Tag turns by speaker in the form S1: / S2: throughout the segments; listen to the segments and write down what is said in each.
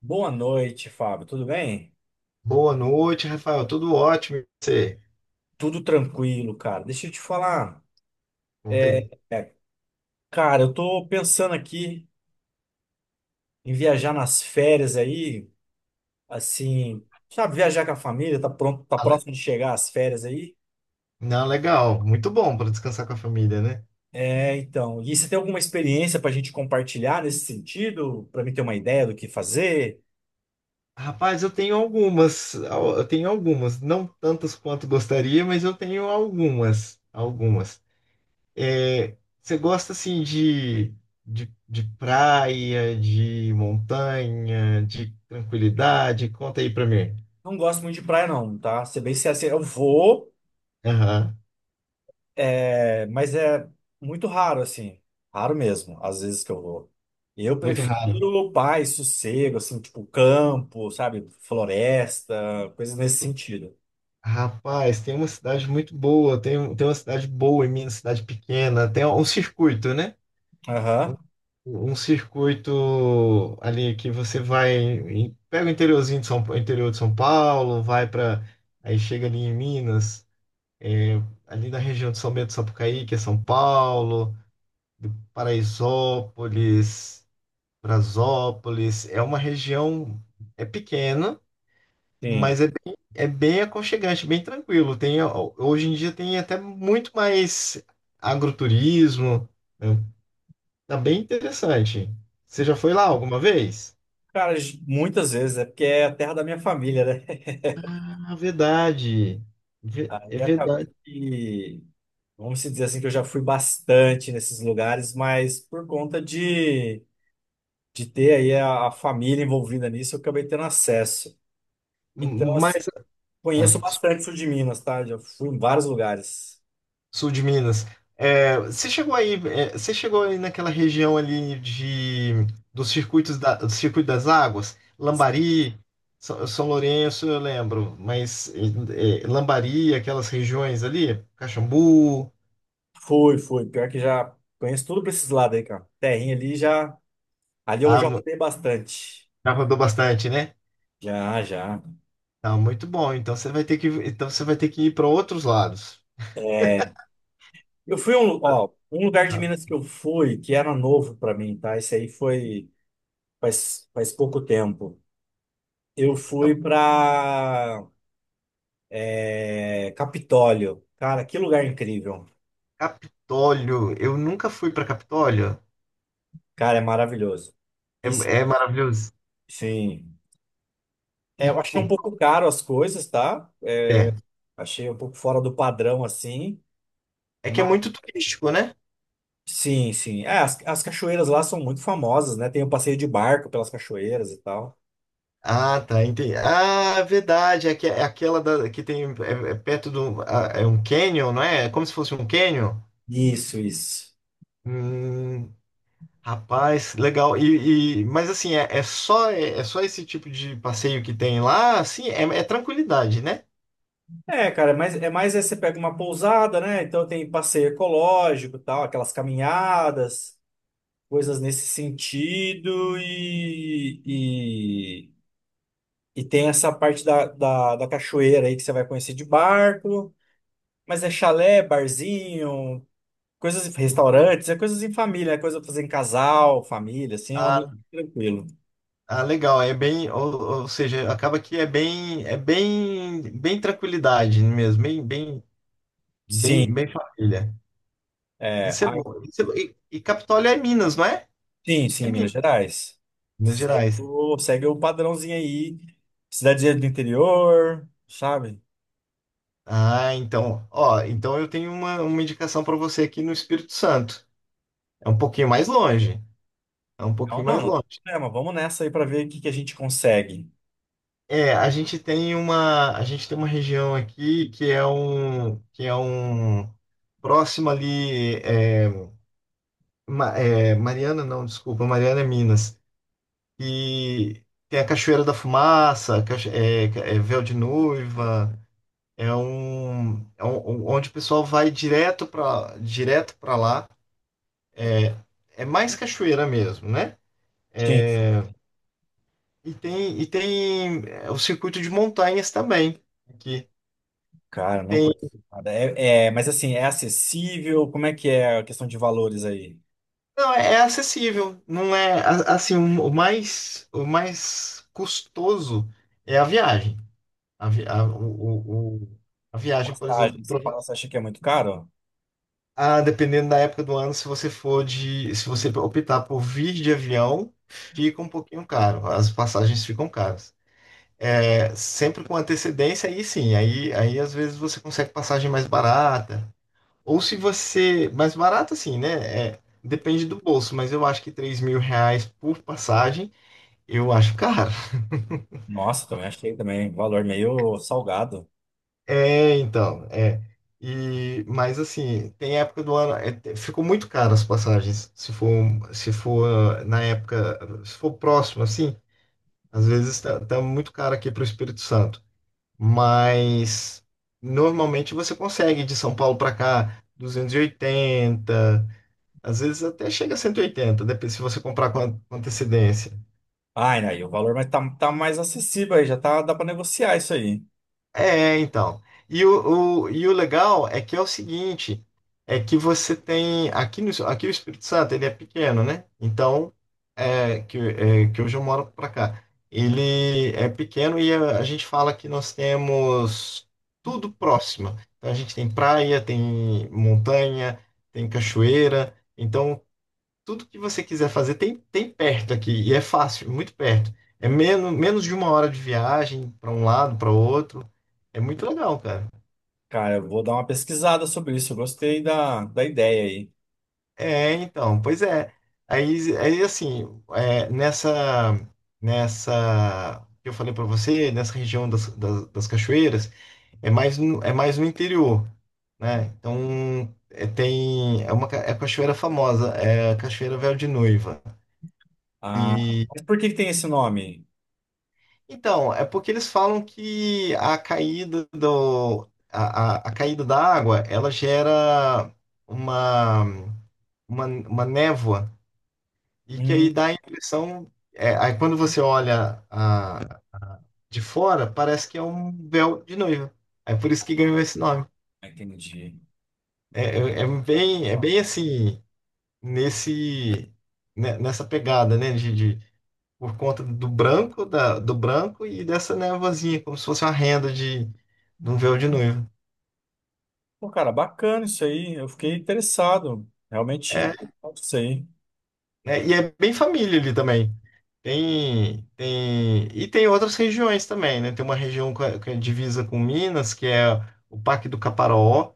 S1: Boa noite, Fábio. Tudo bem?
S2: Boa noite, Rafael. Tudo ótimo. E você?
S1: Tudo tranquilo, cara. Deixa eu te falar. É,
S2: Ontem.
S1: é, cara, eu tô pensando aqui em viajar nas férias aí, assim, sabe, viajar com a família, tá pronto, tá
S2: Ah, le-
S1: próximo de chegar as férias aí.
S2: Não, legal. Muito bom para descansar com a família, né?
S1: É, então. E você tem alguma experiência pra gente compartilhar nesse sentido? Pra mim ter uma ideia do que fazer?
S2: Rapaz, eu tenho algumas. Eu tenho algumas. Não tantas quanto gostaria, mas eu tenho algumas. Algumas. É, Você gosta, assim, de praia, de montanha, de tranquilidade? Conta aí para mim.
S1: Não gosto muito de praia, não, tá? Ser bem sincero, assim, eu vou.
S2: Aham.
S1: É, mas é muito raro, assim. Raro mesmo, às vezes que eu vou. Eu
S2: Muito raro.
S1: prefiro paz, sossego, assim, tipo campo, sabe? Floresta, coisas nesse sentido.
S2: Rapaz, tem uma cidade muito boa, tem uma cidade boa em Minas, cidade pequena, tem um circuito, né?
S1: Aham,
S2: Um circuito ali que você vai, pega o interiorzinho de interior de São Paulo, vai para, aí chega ali em Minas, é, ali na região de São Bento do Sapucaí, que é São Paulo, do Paraisópolis, Brasópolis, é uma região, é pequena.
S1: sim.
S2: Mas é bem aconchegante, bem tranquilo. Tem, ó, hoje em dia tem até muito mais agroturismo, né? Tá bem interessante. Você já foi lá alguma vez?
S1: Cara, muitas vezes é porque é a terra da minha família, né?
S2: Ah, verdade. É
S1: Aí acaba
S2: verdade.
S1: que, vamos se dizer assim, que eu já fui bastante nesses lugares, mas por conta de ter aí a família envolvida nisso, eu acabei tendo acesso. Então, assim,
S2: Mas. Ah,
S1: conheço bastante o sul de Minas, tá? Já fui em vários lugares.
S2: Sul de Minas. Você chegou aí naquela região ali de dos circuitos da, do Circuito das Águas, Lambari, São Lourenço, eu lembro, mas Lambari, aquelas regiões ali, Caxambu.
S1: Fui, fui. Pior que já conheço tudo pra esses lados aí, cara. Terrinha ali já. Ali eu
S2: ah,
S1: já
S2: mu-
S1: rodei bastante.
S2: Já rodou bastante, né?
S1: Já, já.
S2: Tá, muito bom. Então você vai ter que, então você vai ter que ir para outros lados.
S1: Eu fui a ó, um lugar de
S2: Tá?
S1: Minas que eu fui, que era novo pra mim, tá? Isso aí foi faz pouco tempo. Eu fui pra Capitólio. Cara, que lugar incrível.
S2: Capitólio, eu nunca fui para Capitólio.
S1: Cara, é maravilhoso.
S2: É,
S1: E,
S2: É maravilhoso.
S1: sim, é,
S2: E
S1: eu achei um
S2: co-
S1: pouco caro as coisas, tá?
S2: é,
S1: Achei um pouco fora do padrão assim.
S2: é que é
S1: Mas
S2: muito turístico, né?
S1: sim, sim. É, as cachoeiras lá são muito famosas, né? Tem o passeio de barco pelas cachoeiras e tal.
S2: Ah, tá, entendi. Ah, é verdade, que é aquela da, que tem, é perto do, é um canyon, não é? É como se fosse um canyon.
S1: Isso, isso.
S2: Hum, Rapaz, legal. Mas assim, é só esse tipo de passeio que tem lá, assim, é tranquilidade, né?
S1: É, cara, mas é mais é você pega uma pousada, né? Então tem passeio ecológico, e tal, aquelas caminhadas, coisas nesse sentido e tem essa parte da cachoeira aí que você vai conhecer de barco, mas é chalé, barzinho, coisas, restaurantes, é coisas em família, é coisa pra fazer em casal, família, assim, é um
S2: Ah,
S1: ambiente tranquilo.
S2: ah, legal, ou seja, acaba que é bem tranquilidade mesmo, bem bem
S1: Sim,
S2: bem, bem família.
S1: é,
S2: Isso é
S1: aí-
S2: bom. Isso é bom. E Capitólio é Minas, não é?
S1: sim,
S2: É
S1: sim, Minas
S2: Minas,
S1: Gerais.
S2: Minas Gerais.
S1: Segue o padrãozinho aí, cidadezinha do interior, sabe?
S2: Ah, então, ó, então eu tenho uma, indicação para você aqui no Espírito Santo. É um pouquinho mais longe. É um
S1: Não,
S2: pouquinho
S1: não,
S2: mais
S1: não tem
S2: longe.
S1: problema, vamos nessa aí pra ver o que que a gente consegue.
S2: A gente tem uma, a gente tem uma região aqui que é um próximo ali, Mariana, não, desculpa, Mariana é Minas. E tem a Cachoeira da Fumaça, é Véu de Noiva. É um, onde o pessoal vai direto para lá. É, é mais cachoeira mesmo, né?
S1: Sim, sim.
S2: É, e tem o circuito de montanhas também. Aqui.
S1: Cara, não
S2: Tem,
S1: conheço nada. É, é, mas assim, é acessível? Como é que é a questão de valores aí?
S2: não, é acessível. Não é assim, o mais custoso é a viagem. A, vi- a, o- a viagem, por exemplo.
S1: Passagens, você acha que é muito caro?
S2: Dependendo da época do ano, se você optar por vir de avião, fica um pouquinho caro. As passagens ficam caras. Sempre com antecedência, aí sim, aí às vezes você consegue passagem mais barata. Ou se você. Mais barata, sim, né? Depende do bolso, mas eu acho que R$ 3.000 por passagem, eu acho caro.
S1: Nossa, também achei também, valor meio salgado.
S2: É, então, é. Mas assim, tem época do ano, ficou muito caro as passagens. Se for na época. Se for próximo, assim, às vezes tá muito caro aqui para o Espírito Santo. Mas normalmente você consegue de São Paulo para cá 280, às vezes até chega a 180, depende se você comprar com antecedência.
S1: Ai, aí o valor mas tá, tá mais acessível aí, já tá, dá pra negociar isso aí.
S2: Então. E o legal é que é o seguinte, é que você tem aqui no aqui o Espírito Santo, ele é pequeno, né? Então é, que hoje eu moro para cá. Ele é pequeno e a gente fala que nós temos tudo próximo. Então a gente tem praia, tem montanha, tem cachoeira. Então tudo que você quiser fazer tem perto aqui, e é fácil, muito perto. É menos de uma hora de viagem para um lado, para outro. É muito legal, cara.
S1: Cara, eu vou dar uma pesquisada sobre isso, eu gostei da ideia aí.
S2: É, então, pois é. Aí assim, é, nessa, nessa, que eu falei para você, nessa região das cachoeiras, é mais no interior, né? Então, é a cachoeira famosa, é a Cachoeira Véu de Noiva.
S1: Ah, mas por que que tem esse nome?
S2: Então, é porque eles falam que a caída do, a caída da água, ela gera uma, uma névoa e que
S1: Hum,
S2: aí dá a impressão, aí quando você olha a, de fora, parece que é um véu de noiva. É por isso que ganhou esse nome.
S1: entendi.
S2: É, é, é bem, é
S1: Ah,
S2: bem assim, nesse, nessa pegada, né, de, por conta do branco, do branco e dessa névoazinha, como se fosse uma renda de um véu de noiva.
S1: pô, cara, bacana isso aí, eu fiquei interessado.
S2: É,
S1: Realmente, isso aí.
S2: né? E é bem família ali também. E tem outras regiões também, né? Tem uma região que é divisa com Minas, que é o Parque do Caparaó,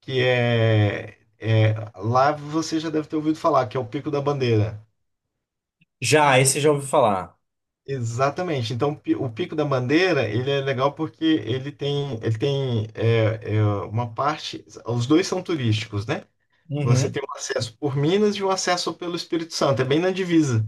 S2: que lá você já deve ter ouvido falar, que é o Pico da Bandeira.
S1: Já, esse já ouvi falar.
S2: Exatamente. Então, o Pico da Bandeira, ele é legal porque ele tem, ele tem uma parte, os dois são turísticos, né? Você
S1: Uhum.
S2: tem um acesso por Minas e um acesso pelo Espírito Santo, é bem na divisa.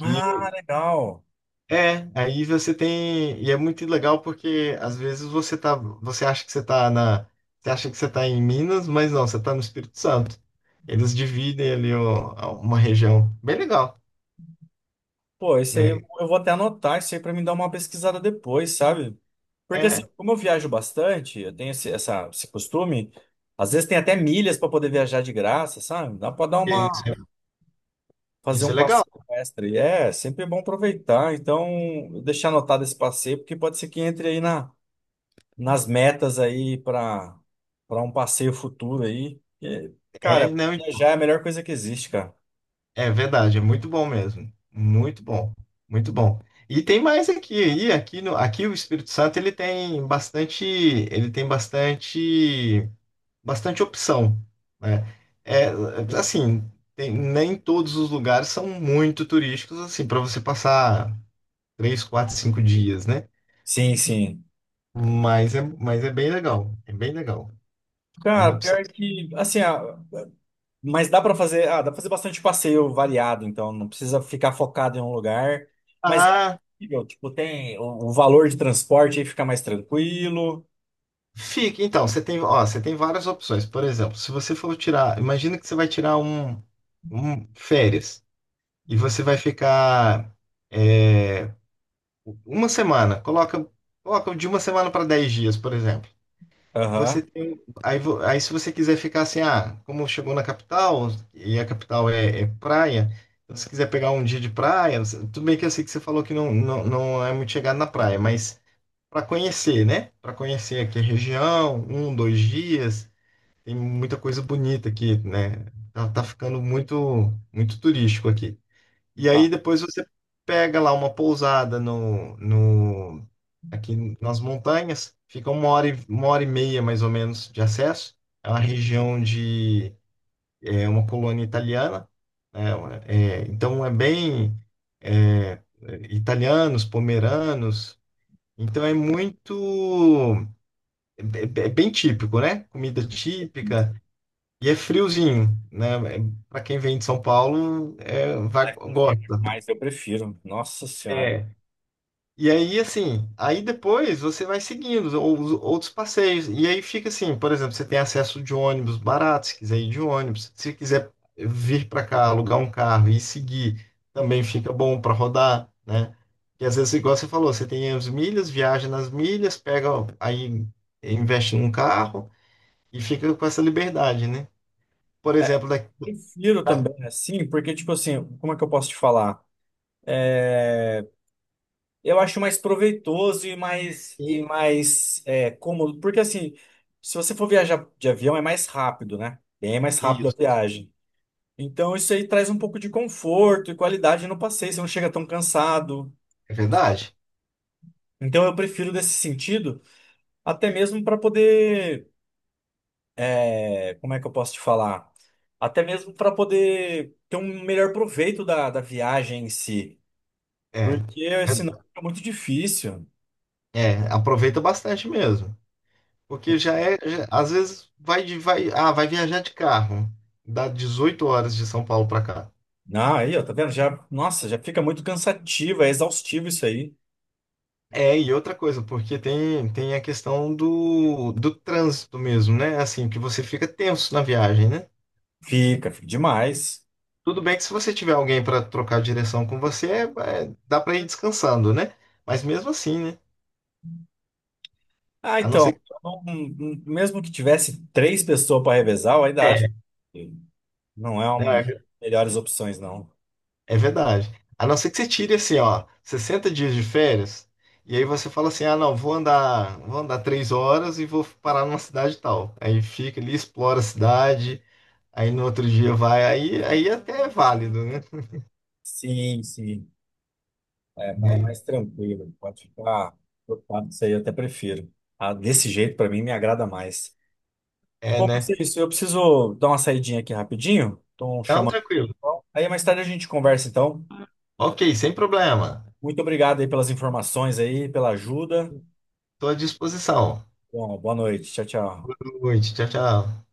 S1: Ah, legal.
S2: Aí você tem, e é muito legal porque às vezes você tá, você acha que você acha que você tá em Minas, mas não, você tá no Espírito Santo. Eles dividem ali uma região bem legal,
S1: Pô, esse aí eu
S2: né?
S1: eu vou até anotar isso aí pra me dar uma pesquisada depois, sabe? Porque assim,
S2: É,
S1: como eu viajo bastante, eu tenho esse costume, às vezes tem até milhas pra poder viajar de graça, sabe? Dá pra dar
S2: é, isso
S1: uma,
S2: é,
S1: fazer
S2: isso é
S1: um
S2: legal.
S1: passeio extra. E é sempre é bom aproveitar. Então, eu deixar anotado esse passeio, porque pode ser que entre aí nas metas aí pra para um passeio futuro aí. E,
S2: É,
S1: cara,
S2: não,
S1: viajar é a melhor coisa que existe, cara.
S2: é verdade, é muito bom mesmo. Muito bom, muito bom. E tem mais aqui, e aqui no, aqui o Espírito Santo, ele tem bastante, ele tem bastante opção, né? É, assim, nem todos os lugares são muito turísticos, assim, para você passar 3, 4, 5 dias, né?
S1: Sim, sim.
S2: Mas é bem legal, é bem legal. É uma
S1: Cara,
S2: opção.
S1: pior que, assim, mas dá para fazer, ah, dá para fazer bastante passeio variado, então não precisa ficar focado em um lugar. Mas é
S2: Ah,
S1: possível, tipo, tem o valor de transporte aí fica mais tranquilo.
S2: fica, então, você tem, ó, você tem várias opções. Por exemplo, se você for tirar, imagina que você vai tirar um férias e você vai ficar uma semana, coloca de uma semana para 10 dias, por exemplo.
S1: Aham.
S2: Você tem. Aí, se você quiser ficar assim, como chegou na capital, e a capital é praia, então se quiser pegar um dia de praia, tudo bem que eu sei que você falou que não, não, não é muito chegado na praia, mas para conhecer, né? Para conhecer aqui a região, um, dois dias, tem muita coisa bonita aqui, né? Tá, tá ficando muito, muito turístico aqui. E aí
S1: Ah,
S2: depois você pega lá uma pousada no, no aqui nas montanhas, fica uma hora e meia mais ou menos de acesso. É uma região de é uma colônia italiana, né? Então é bem, é, italianos, pomeranos. Então é muito é, é é bem típico, né? Comida típica e é friozinho, né? Para quem vem de São Paulo,
S1: a
S2: vai,
S1: cozinha é
S2: gosta.
S1: mais eu prefiro. Nossa Senhora.
S2: É, E aí, assim, aí depois você vai seguindo os outros passeios. E aí fica assim, por exemplo, você tem acesso de ônibus barato, se quiser ir de ônibus. Se quiser vir para cá, alugar um carro e seguir, também fica bom para rodar, né? E às vezes, igual você falou, você tem as milhas, viaja nas milhas, pega, aí investe num carro e fica com essa liberdade, né? Por exemplo, daqui,
S1: Prefiro
S2: daqui
S1: também assim, porque tipo assim, como é que eu posso te falar? Eu acho mais proveitoso e mais é, cômodo, porque assim, se você for viajar de avião é mais rápido, né? Bem mais rápido a
S2: isso,
S1: viagem. Então isso aí traz um pouco de conforto e qualidade no passeio, você não chega tão cansado.
S2: é verdade?
S1: Então eu prefiro desse sentido, até mesmo para poder, é, como é que eu posso te falar? Até mesmo para poder ter um melhor proveito da viagem em si,
S2: É,
S1: porque
S2: é,
S1: senão fica muito difícil.
S2: Aproveita bastante mesmo. Porque às vezes vai viajar de carro, dá 18 horas de São Paulo para cá.
S1: Ah, aí, ó, tá vendo? Já, nossa, já fica muito cansativo, é exaustivo isso aí.
S2: E outra coisa, porque tem a questão do trânsito mesmo, né? Assim, que você fica tenso na viagem, né?
S1: Fica, fica demais.
S2: Tudo bem que se você tiver alguém para trocar direção com você, dá para ir descansando, né? Mas mesmo assim, né?
S1: Ah,
S2: A não
S1: então,
S2: ser que.
S1: mesmo que tivesse três pessoas para revezar, eu ainda acho.
S2: É,
S1: Não é uma das
S2: né?
S1: melhores opções, não.
S2: É verdade. A não ser que você tire assim, ó, 60 dias de férias, e aí você fala assim, ah, não, vou andar 3 horas e vou parar numa cidade tal. Aí fica ali, explora a cidade, aí no outro dia vai, aí até é válido, né?
S1: Sim, sim. É, é mais tranquilo. Pode ficar preocupado. Isso aí eu até prefiro. Ah, desse jeito, pra mim, me agrada mais.
S2: É,
S1: Bom, mas é
S2: né?
S1: isso. Eu preciso dar uma saidinha aqui rapidinho. Estão
S2: Então,
S1: chamando.
S2: tranquilo.
S1: Aí mais tarde a gente conversa, então.
S2: Ok, sem problema.
S1: Muito obrigado aí pelas informações aí, pela ajuda.
S2: Estou à disposição.
S1: Bom, boa noite. Tchau,
S2: Boa
S1: tchau.
S2: noite, tchau, tchau.